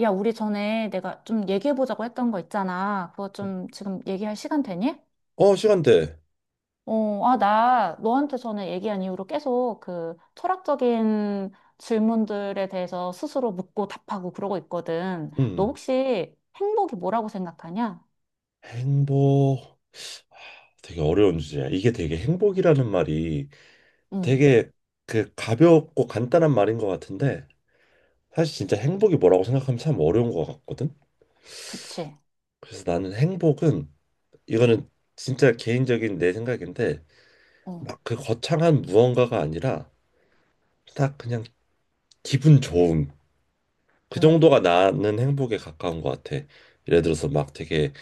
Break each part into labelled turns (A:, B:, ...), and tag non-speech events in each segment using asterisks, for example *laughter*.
A: 야, 우리 전에 내가 좀 얘기해보자고 했던 거 있잖아. 그거 좀 지금 얘기할 시간 되니?
B: 어, 시간대.
A: 나 너한테 전에 얘기한 이후로 계속 그 철학적인 질문들에 대해서 스스로 묻고 답하고 그러고 있거든. 너
B: 음.
A: 혹시 행복이 뭐라고 생각하냐?
B: 행복. 하, 되게 어려운 주제야. 이게 되게 행복이라는 말이
A: 음,
B: 되게 그 가볍고 간단한 말인 것 같은데 사실 진짜 행복이 뭐라고 생각하면 참 어려운 것 같거든.
A: 그치.
B: 그래서 나는 행복은 이거는 진짜 개인적인 내 생각인데
A: 어,
B: 막 그 거창한 무언가가 아니라 딱 그냥 기분 좋음. 그
A: 음,
B: 정도가 나는 행복에 가까운 것 같아. 예를 들어서 막 되게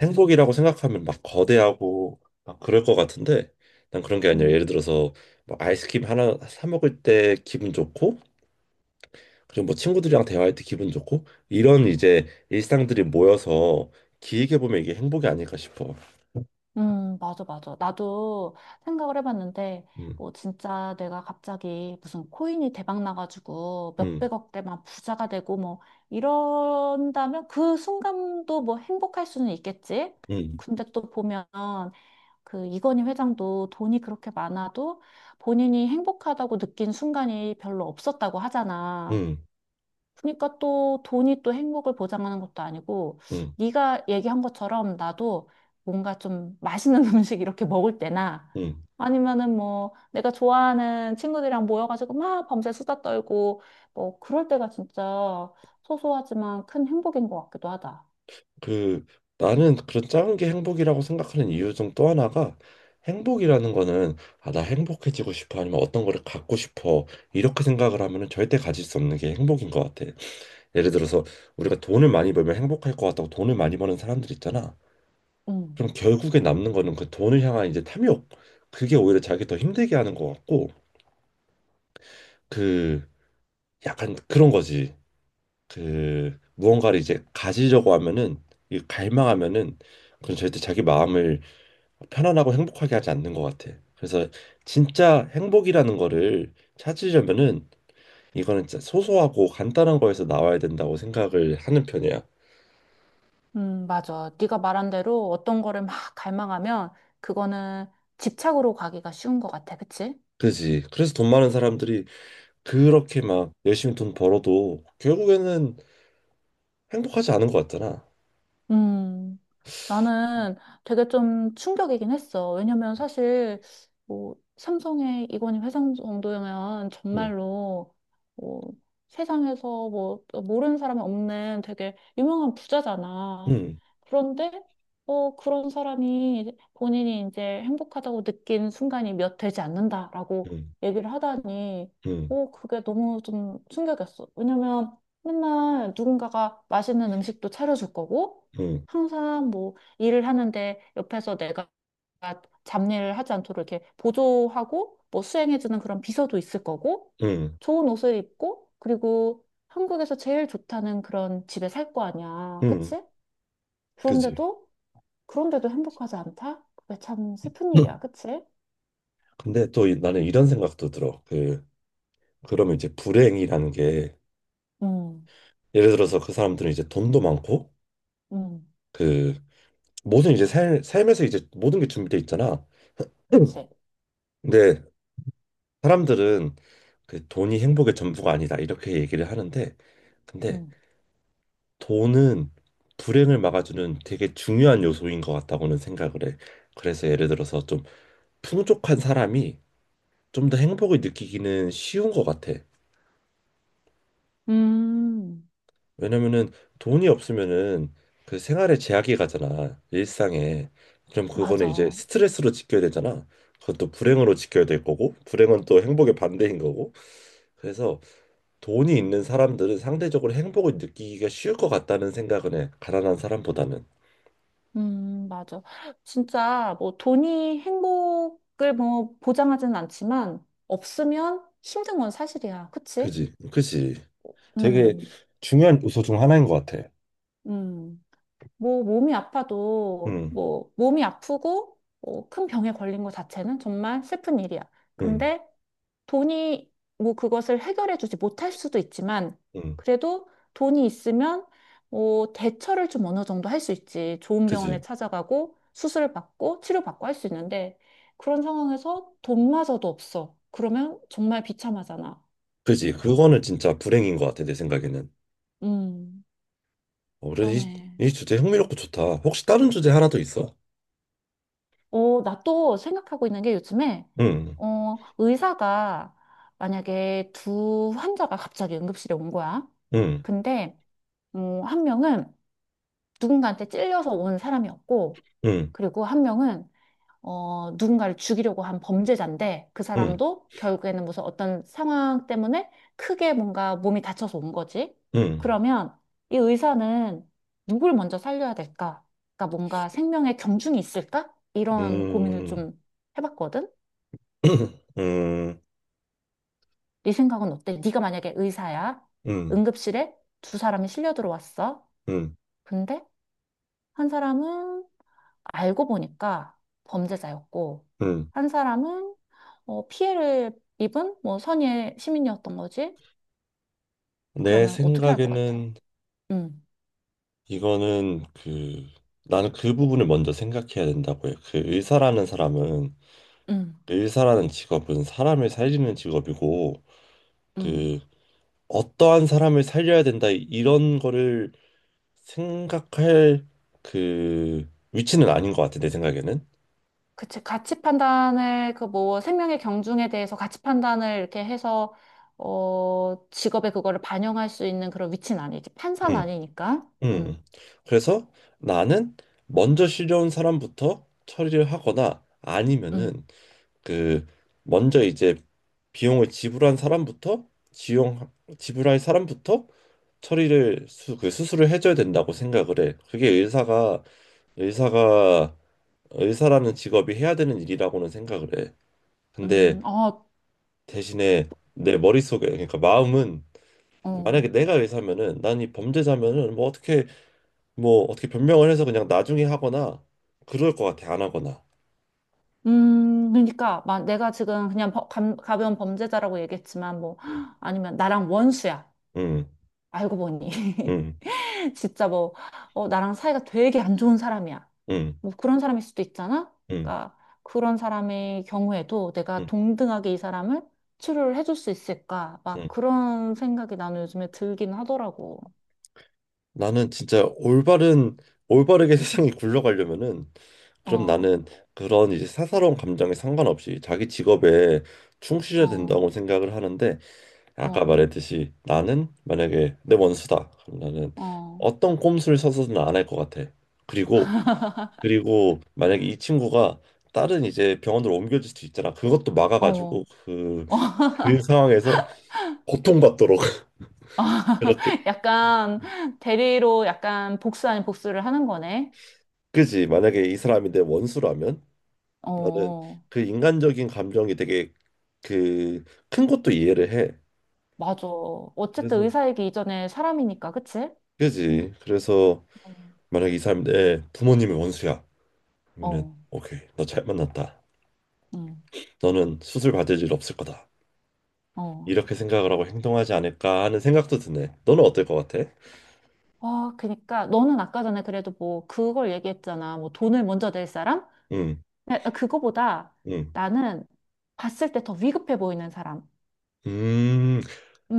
B: 행복이라고 생각하면 막 거대하고 막 그럴 것 같은데 난 그런 게 아니라
A: 음.
B: 예를 들어서 뭐 아이스크림 하나 사 먹을 때 기분 좋고 그리고 뭐 친구들이랑 대화할 때 기분 좋고 이런 이제 일상들이 모여서 길게 보면 이게 행복이 아닐까 싶어.
A: 맞아, 맞아. 나도 생각을 해봤는데,
B: 음,
A: 뭐, 진짜 내가 갑자기 무슨 코인이 대박 나가지고
B: 음,
A: 몇백억대만 부자가 되고 뭐, 이런다면 그 순간도 뭐 행복할 수는 있겠지?
B: 음,
A: 근데 또 보면 그 이건희 회장도 돈이 그렇게 많아도 본인이 행복하다고 느낀 순간이 별로 없었다고 하잖아.
B: 음,
A: 그러니까 또 돈이 또 행복을 보장하는 것도 아니고
B: 음,
A: 네가 얘기한 것처럼 나도 뭔가 좀 맛있는 *laughs* 음식 이렇게 먹을 때나
B: 음.
A: 아니면은 뭐 내가 좋아하는 친구들이랑 모여가지고 막 밤새 수다 떨고 뭐 그럴 때가 진짜 소소하지만 큰 행복인 것 같기도 하다.
B: 그 나는 그런 작은 게 행복이라고 생각하는 이유 중 또 하나가 행복이라는 거는 아, 나 행복해지고 싶어 아니면 어떤 거를 갖고 싶어 이렇게 생각을 하면은 절대 가질 수 없는 게 행복인 것 같아. 예를 들어서 우리가 돈을 많이 벌면 행복할 것 같다고 돈을 많이 버는 사람들 있잖아.
A: 음,
B: 그럼 결국에 남는 거는 그 돈을 향한 이제 탐욕. 그게 오히려 자기 더 힘들게 하는 것 같고 그 약간 그런 거지. 그 무언가를 이제 가지려고 하면은 이 갈망하면은 그건 절대 자기 마음을 편안하고 행복하게 하지 않는 것 같아. 그래서 진짜 행복이라는 거를 찾으려면은 이거는 진짜 소소하고 간단한 거에서 나와야 된다고 생각을 하는 편이야.
A: 맞아. 네가 말한 대로 어떤 거를 막 갈망하면 그거는 집착으로 가기가 쉬운 것 같아. 그치?
B: 그지? 그래서 돈 많은 사람들이 그렇게 막 열심히 돈 벌어도 결국에는 행복하지 않은 것 같잖아.
A: 음. 나는 되게 좀 충격이긴 했어. 왜냐면 사실 뭐 삼성의 이건희 회장 정도면
B: 응,
A: 정말로 뭐 세상에서 뭐 모르는 사람이 없는 되게 유명한 부자잖아.
B: 응,
A: 그런데 그런 사람이 본인이 이제 행복하다고 느낀 순간이 몇 되지 않는다라고
B: 응,
A: 얘기를 하다니
B: 응,
A: 그게 너무 좀 충격이었어. 왜냐면 맨날 누군가가 맛있는 음식도 차려줄 거고
B: 응,
A: 항상 뭐 일을 하는데 옆에서 내가 잡일을 하지 않도록 이렇게 보조하고 뭐 수행해주는 그런 비서도 있을 거고
B: 응,
A: 좋은 옷을 입고 그리고 한국에서 제일 좋다는 그런 집에 살 거 아니야.
B: 응,
A: 그치?
B: 그지? *laughs*
A: 그런데도 그런데도 행복하지 않다? 그게 참 슬픈
B: 응.
A: 일이야. 그치?
B: 근데 또 나는 이런 생각도 들어. 그 그러면 이제 불행이라는 게
A: 음,
B: 예를 들어서 그 사람들은 이제 돈도 많고
A: 음,
B: 그 모든 이제 삶, 삶에서 이제 모든 게 준비돼 있잖아. 응.
A: 그치?
B: 근데 사람들은 그 돈이 행복의 전부가 아니다 이렇게 얘기를 하는데 근데
A: 음,
B: 돈은 불행을 막아주는 되게 중요한 요소인 것 같다고는 생각을 해. 그래서 예를 들어서 좀 풍족한 사람이 좀 더 행복을 느끼기는 쉬운 것 같아.
A: 음,
B: 왜냐면은 돈이 없으면은 그 생활에 제약이 가잖아. 일상에. 그럼 그거는 이제
A: 맞아.
B: 스트레스로 지켜야 되잖아. 그것도 불행으로 지켜야 될 거고, 불행은 또 행복의 반대인 거고. 그래서 돈이 있는 사람들은 상대적으로 행복을 느끼기가 쉬울 것 같다는 생각은 해. 가난한 사람보다는.
A: 맞아. 진짜 뭐 돈이 행복을 뭐 보장하지는 않지만 없으면 힘든 건 사실이야. 그치?
B: 그지? 그지? 되게
A: 음,
B: 중요한 요소 중 하나인 것 같아.
A: 음. 뭐 몸이 아파도
B: 응,
A: 뭐 몸이 아프고 뭐 큰 병에 걸린 것 자체는 정말 슬픈 일이야.
B: 응,
A: 근데 돈이 뭐 그것을 해결해 주지 못할 수도 있지만
B: 응.
A: 그래도 돈이 있으면 뭐 대처를 좀 어느 정도 할 수 있지. 좋은 병원에
B: 그지?
A: 찾아가고 수술을 받고 치료받고 할 수 있는데 그런 상황에서 돈마저도 없어. 그러면 정말 비참하잖아.
B: 그지? 그거는 진짜 불행인 것 같아, 내 생각에는.
A: 음,
B: 어, 그래,
A: 그러네.
B: 이 주제 흥미롭고 좋다. 혹시 다른 주제 하나 더 있어?
A: 나 또 생각하고 있는 게 요즘에
B: 응,
A: 의사가 만약에 두 환자가 갑자기 응급실에 온 거야.
B: 응,
A: 근데 한 명은 누군가한테 찔려서 온 사람이었고,
B: 응,
A: 그리고 한 명은 누군가를 죽이려고 한 범죄자인데, 그
B: 응,
A: 사람도 결국에는 무슨 어떤 상황 때문에 크게 뭔가 몸이 다쳐서 온 거지.
B: 응,
A: 그러면 이 의사는 누굴 먼저 살려야 될까? 그러니까 뭔가 생명의 경중이 있을까? 이런 고민을
B: 음,
A: 좀 해봤거든.
B: *clears throat* 음,
A: 네 생각은 어때? 네가 만약에 의사야.
B: 음,
A: 응급실에 두 사람이 실려 들어왔어.
B: 음,
A: 근데 한 사람은 알고 보니까 범죄자였고,
B: 음.
A: 한 사람은 피해를 입은 뭐 선의의 시민이었던 거지?
B: 내
A: 그러면 어떻게 할 것 같아?
B: 생각에는
A: 음,
B: 이거는 그 나는 그 부분을 먼저 생각해야 된다고 해. 그 의사라는 사람은
A: 음,
B: 의사라는 직업은 사람을 살리는 직업이고
A: 음.
B: 그 어떠한 사람을 살려야 된다 이런 거를 생각할 그 위치는 아닌 것 같아 내 생각에는.
A: 그치. 가치 판단을, 그 뭐, 생명의 경중에 대해서 가치 판단을 이렇게 해서, 직업에 그거를 반영할 수 있는 그런 위치는 아니지. 판사는 아니니까.
B: 음. 그래서 나는 먼저 실려온 사람부터 처리를 하거나
A: 음,
B: 아니면은 그 먼저 이제 비용을 지불한 사람부터 지용 지불할 사람부터 처리를 그 수술을 해줘야 된다고 생각을 해. 그게 의사가 의사라는 직업이 해야 되는 일이라고는 생각을 해. 근데
A: 어,
B: 대신에 내 머릿속에 그러니까 마음은
A: 어.
B: 만약에 내가 의사면은 난 이 범죄자면은 뭐 어떻게 변명을 해서 그냥 나중에 하거나 그럴 것 같아 안 하거나
A: 그러니까 막 내가 지금 그냥 가벼운 범죄자라고 얘기했지만 뭐
B: 음,
A: *gasps* 아니면 나랑 원수야.
B: 음,
A: 알고 보니
B: 음,
A: *laughs* 진짜 뭐 나랑 사이가 되게 안 좋은 사람이야.
B: 음,
A: 뭐 그런 사람일 수도 있잖아.
B: 음,
A: 그러니까 그런 사람의 경우에도 내가
B: 음,
A: 동등하게 이 사람을 치료를 해줄 수 있을까?
B: 음.
A: 막 그런 생각이 나는 요즘에 들긴 하더라고.
B: 나는 진짜 올바른 올바르게 *laughs* 세상이 굴러가려면은 그럼
A: 어,
B: 나는 그런 이제 사사로운 감정에 상관없이 자기 직업에 충실해야 된다고
A: 어,
B: 생각을 하는데 아까
A: 어,
B: 말했듯이 나는 만약에 내 원수다 그럼 나는
A: 어,
B: 어떤 꼼수를 써서는 안 할 것 같아 그리고
A: *laughs*
B: 만약에 이 친구가 다른 이제 병원으로 옮겨질 수도 있잖아. 그것도 막아가지고
A: 어.
B: 그 상황에서 고통받도록 *laughs*
A: 어,
B: 그렇게.
A: *laughs* 약간 대리로 약간 복수 아닌 복수를 하는 거네.
B: 그지? 만약에 이 사람이 내 원수라면 나는
A: 어,
B: 그 인간적인 감정이 되게 그 큰 것도 이해를 해.
A: 맞아. 어쨌든
B: 그래서
A: 의사이기 이전에 사람이니까, 그치?
B: 그지? 그래서
A: 어,
B: 만약에 이 사람이 내 부모님이 원수야. 그러면은
A: 어,
B: 오케이 너 잘 만났다.
A: 응,
B: 너는 수술 받을 일 없을 거다.
A: 어.
B: 이렇게 생각을 하고 행동하지 않을까 하는 생각도 드네. 너는 어떨 것 같아?
A: 아, 그니까 너는 아까 전에 그래도 뭐 그걸 얘기했잖아. 뭐 돈을 먼저 낼 사람?
B: 응,
A: 근데 그거보다
B: 응.
A: 나는 봤을 때 더 위급해 보이는 사람.
B: 음,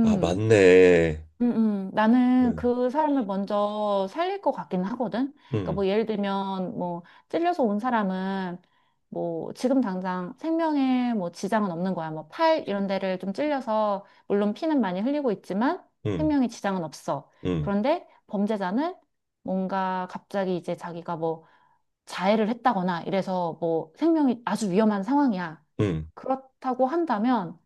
B: 아, 맞네.
A: 음, 나는
B: 응,
A: 그 사람을 먼저 살릴 것 같긴 하거든. 그러니까
B: 응,
A: 뭐 예를 들면 뭐 찔려서 온 사람은 뭐 지금 당장 생명에 뭐 지장은 없는 거야. 뭐 팔 이런 데를 좀 찔려서 물론 피는 많이 흘리고 있지만
B: 응,
A: 생명에 지장은 없어.
B: 응,
A: 그런데 범죄자는 뭔가 갑자기 이제 자기가 뭐 자해를 했다거나 이래서 뭐 생명이 아주 위험한 상황이야.
B: 응.
A: 그렇다고 한다면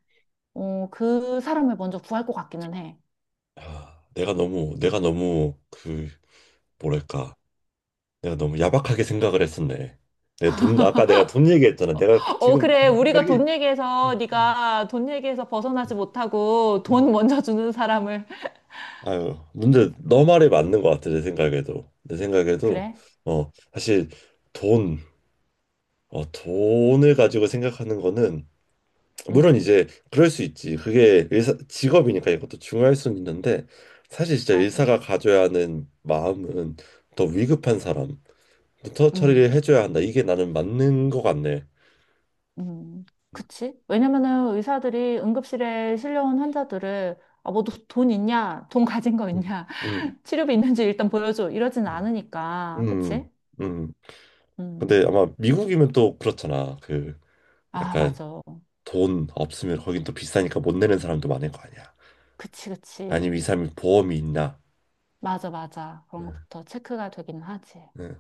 A: 그 사람을 먼저 구할 것 같기는 해.
B: 아, 내가 너무, 뭐랄까. 내가 너무 야박하게 생각을 했었네. 아까 내가 돈 얘기했잖아. 내가
A: 어,
B: 지금
A: 그래.
B: 드는
A: 우리가
B: 생각이,
A: 돈
B: 응.
A: 얘기해서 네가 돈 얘기해서 벗어나지 못하고 돈
B: 응.
A: 먼저 주는 사람을.
B: 아유, 근데 너 말이 맞는 것 같아, 내 생각에도,
A: 그래.
B: 어, 사실 돈, 돈을 가지고 생각하는 거는 물론
A: 음,
B: 이제 그럴 수 있지. 그게 의사 직업이니까 이것도 중요할 수는 있는데 사실 진짜
A: 맞아.
B: 의사가 가져야 하는 마음은 더 위급한 사람부터
A: 음,
B: 처리를 해줘야 한다. 이게 나는 맞는 것 같네.
A: 음. 그치? 왜냐면은 의사들이 응급실에 실려온 환자들을 아, 뭐돈 있냐? 돈 가진 거
B: 음,
A: 있냐?
B: 음,
A: *laughs* 치료비 있는지 일단 보여줘. 이러진
B: 음,
A: 않으니까.
B: 음.
A: 그치?
B: 음. 음.
A: 음.
B: 근데 아마 미국이면 또 그렇잖아. 그
A: 아,
B: 약간
A: 맞아.
B: 돈 없으면 거긴 또 비싸니까 못 내는 사람도 많을 거 아니야.
A: 그치,
B: 아니면 이
A: 그치.
B: 사람이 보험이 있나?
A: 맞아, 맞아.
B: 네,
A: 그런 것부터 체크가 되긴 하지.
B: 네.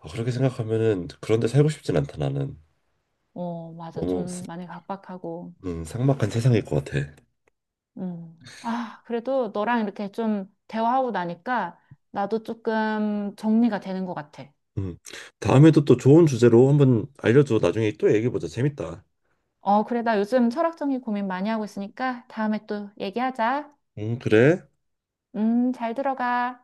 B: 아, 그렇게 생각하면은 그런데 살고 싶진 않다 나는.
A: 어, 맞아.
B: 너무
A: 좀 많이 각박하고.
B: 삭막한 세상일 것 같아.
A: 음. 아, 그래도 너랑 이렇게 좀 대화하고 나니까 나도 조금 정리가 되는 것 같아.
B: 음, 다음에도 또 좋은 주제로 한번 알려줘. 나중에 또 얘기해보자. 재밌다.
A: 어, 그래. 나 요즘 철학적인 고민 많이 하고 있으니까 다음에 또 얘기하자.
B: 그래.
A: 잘 들어가.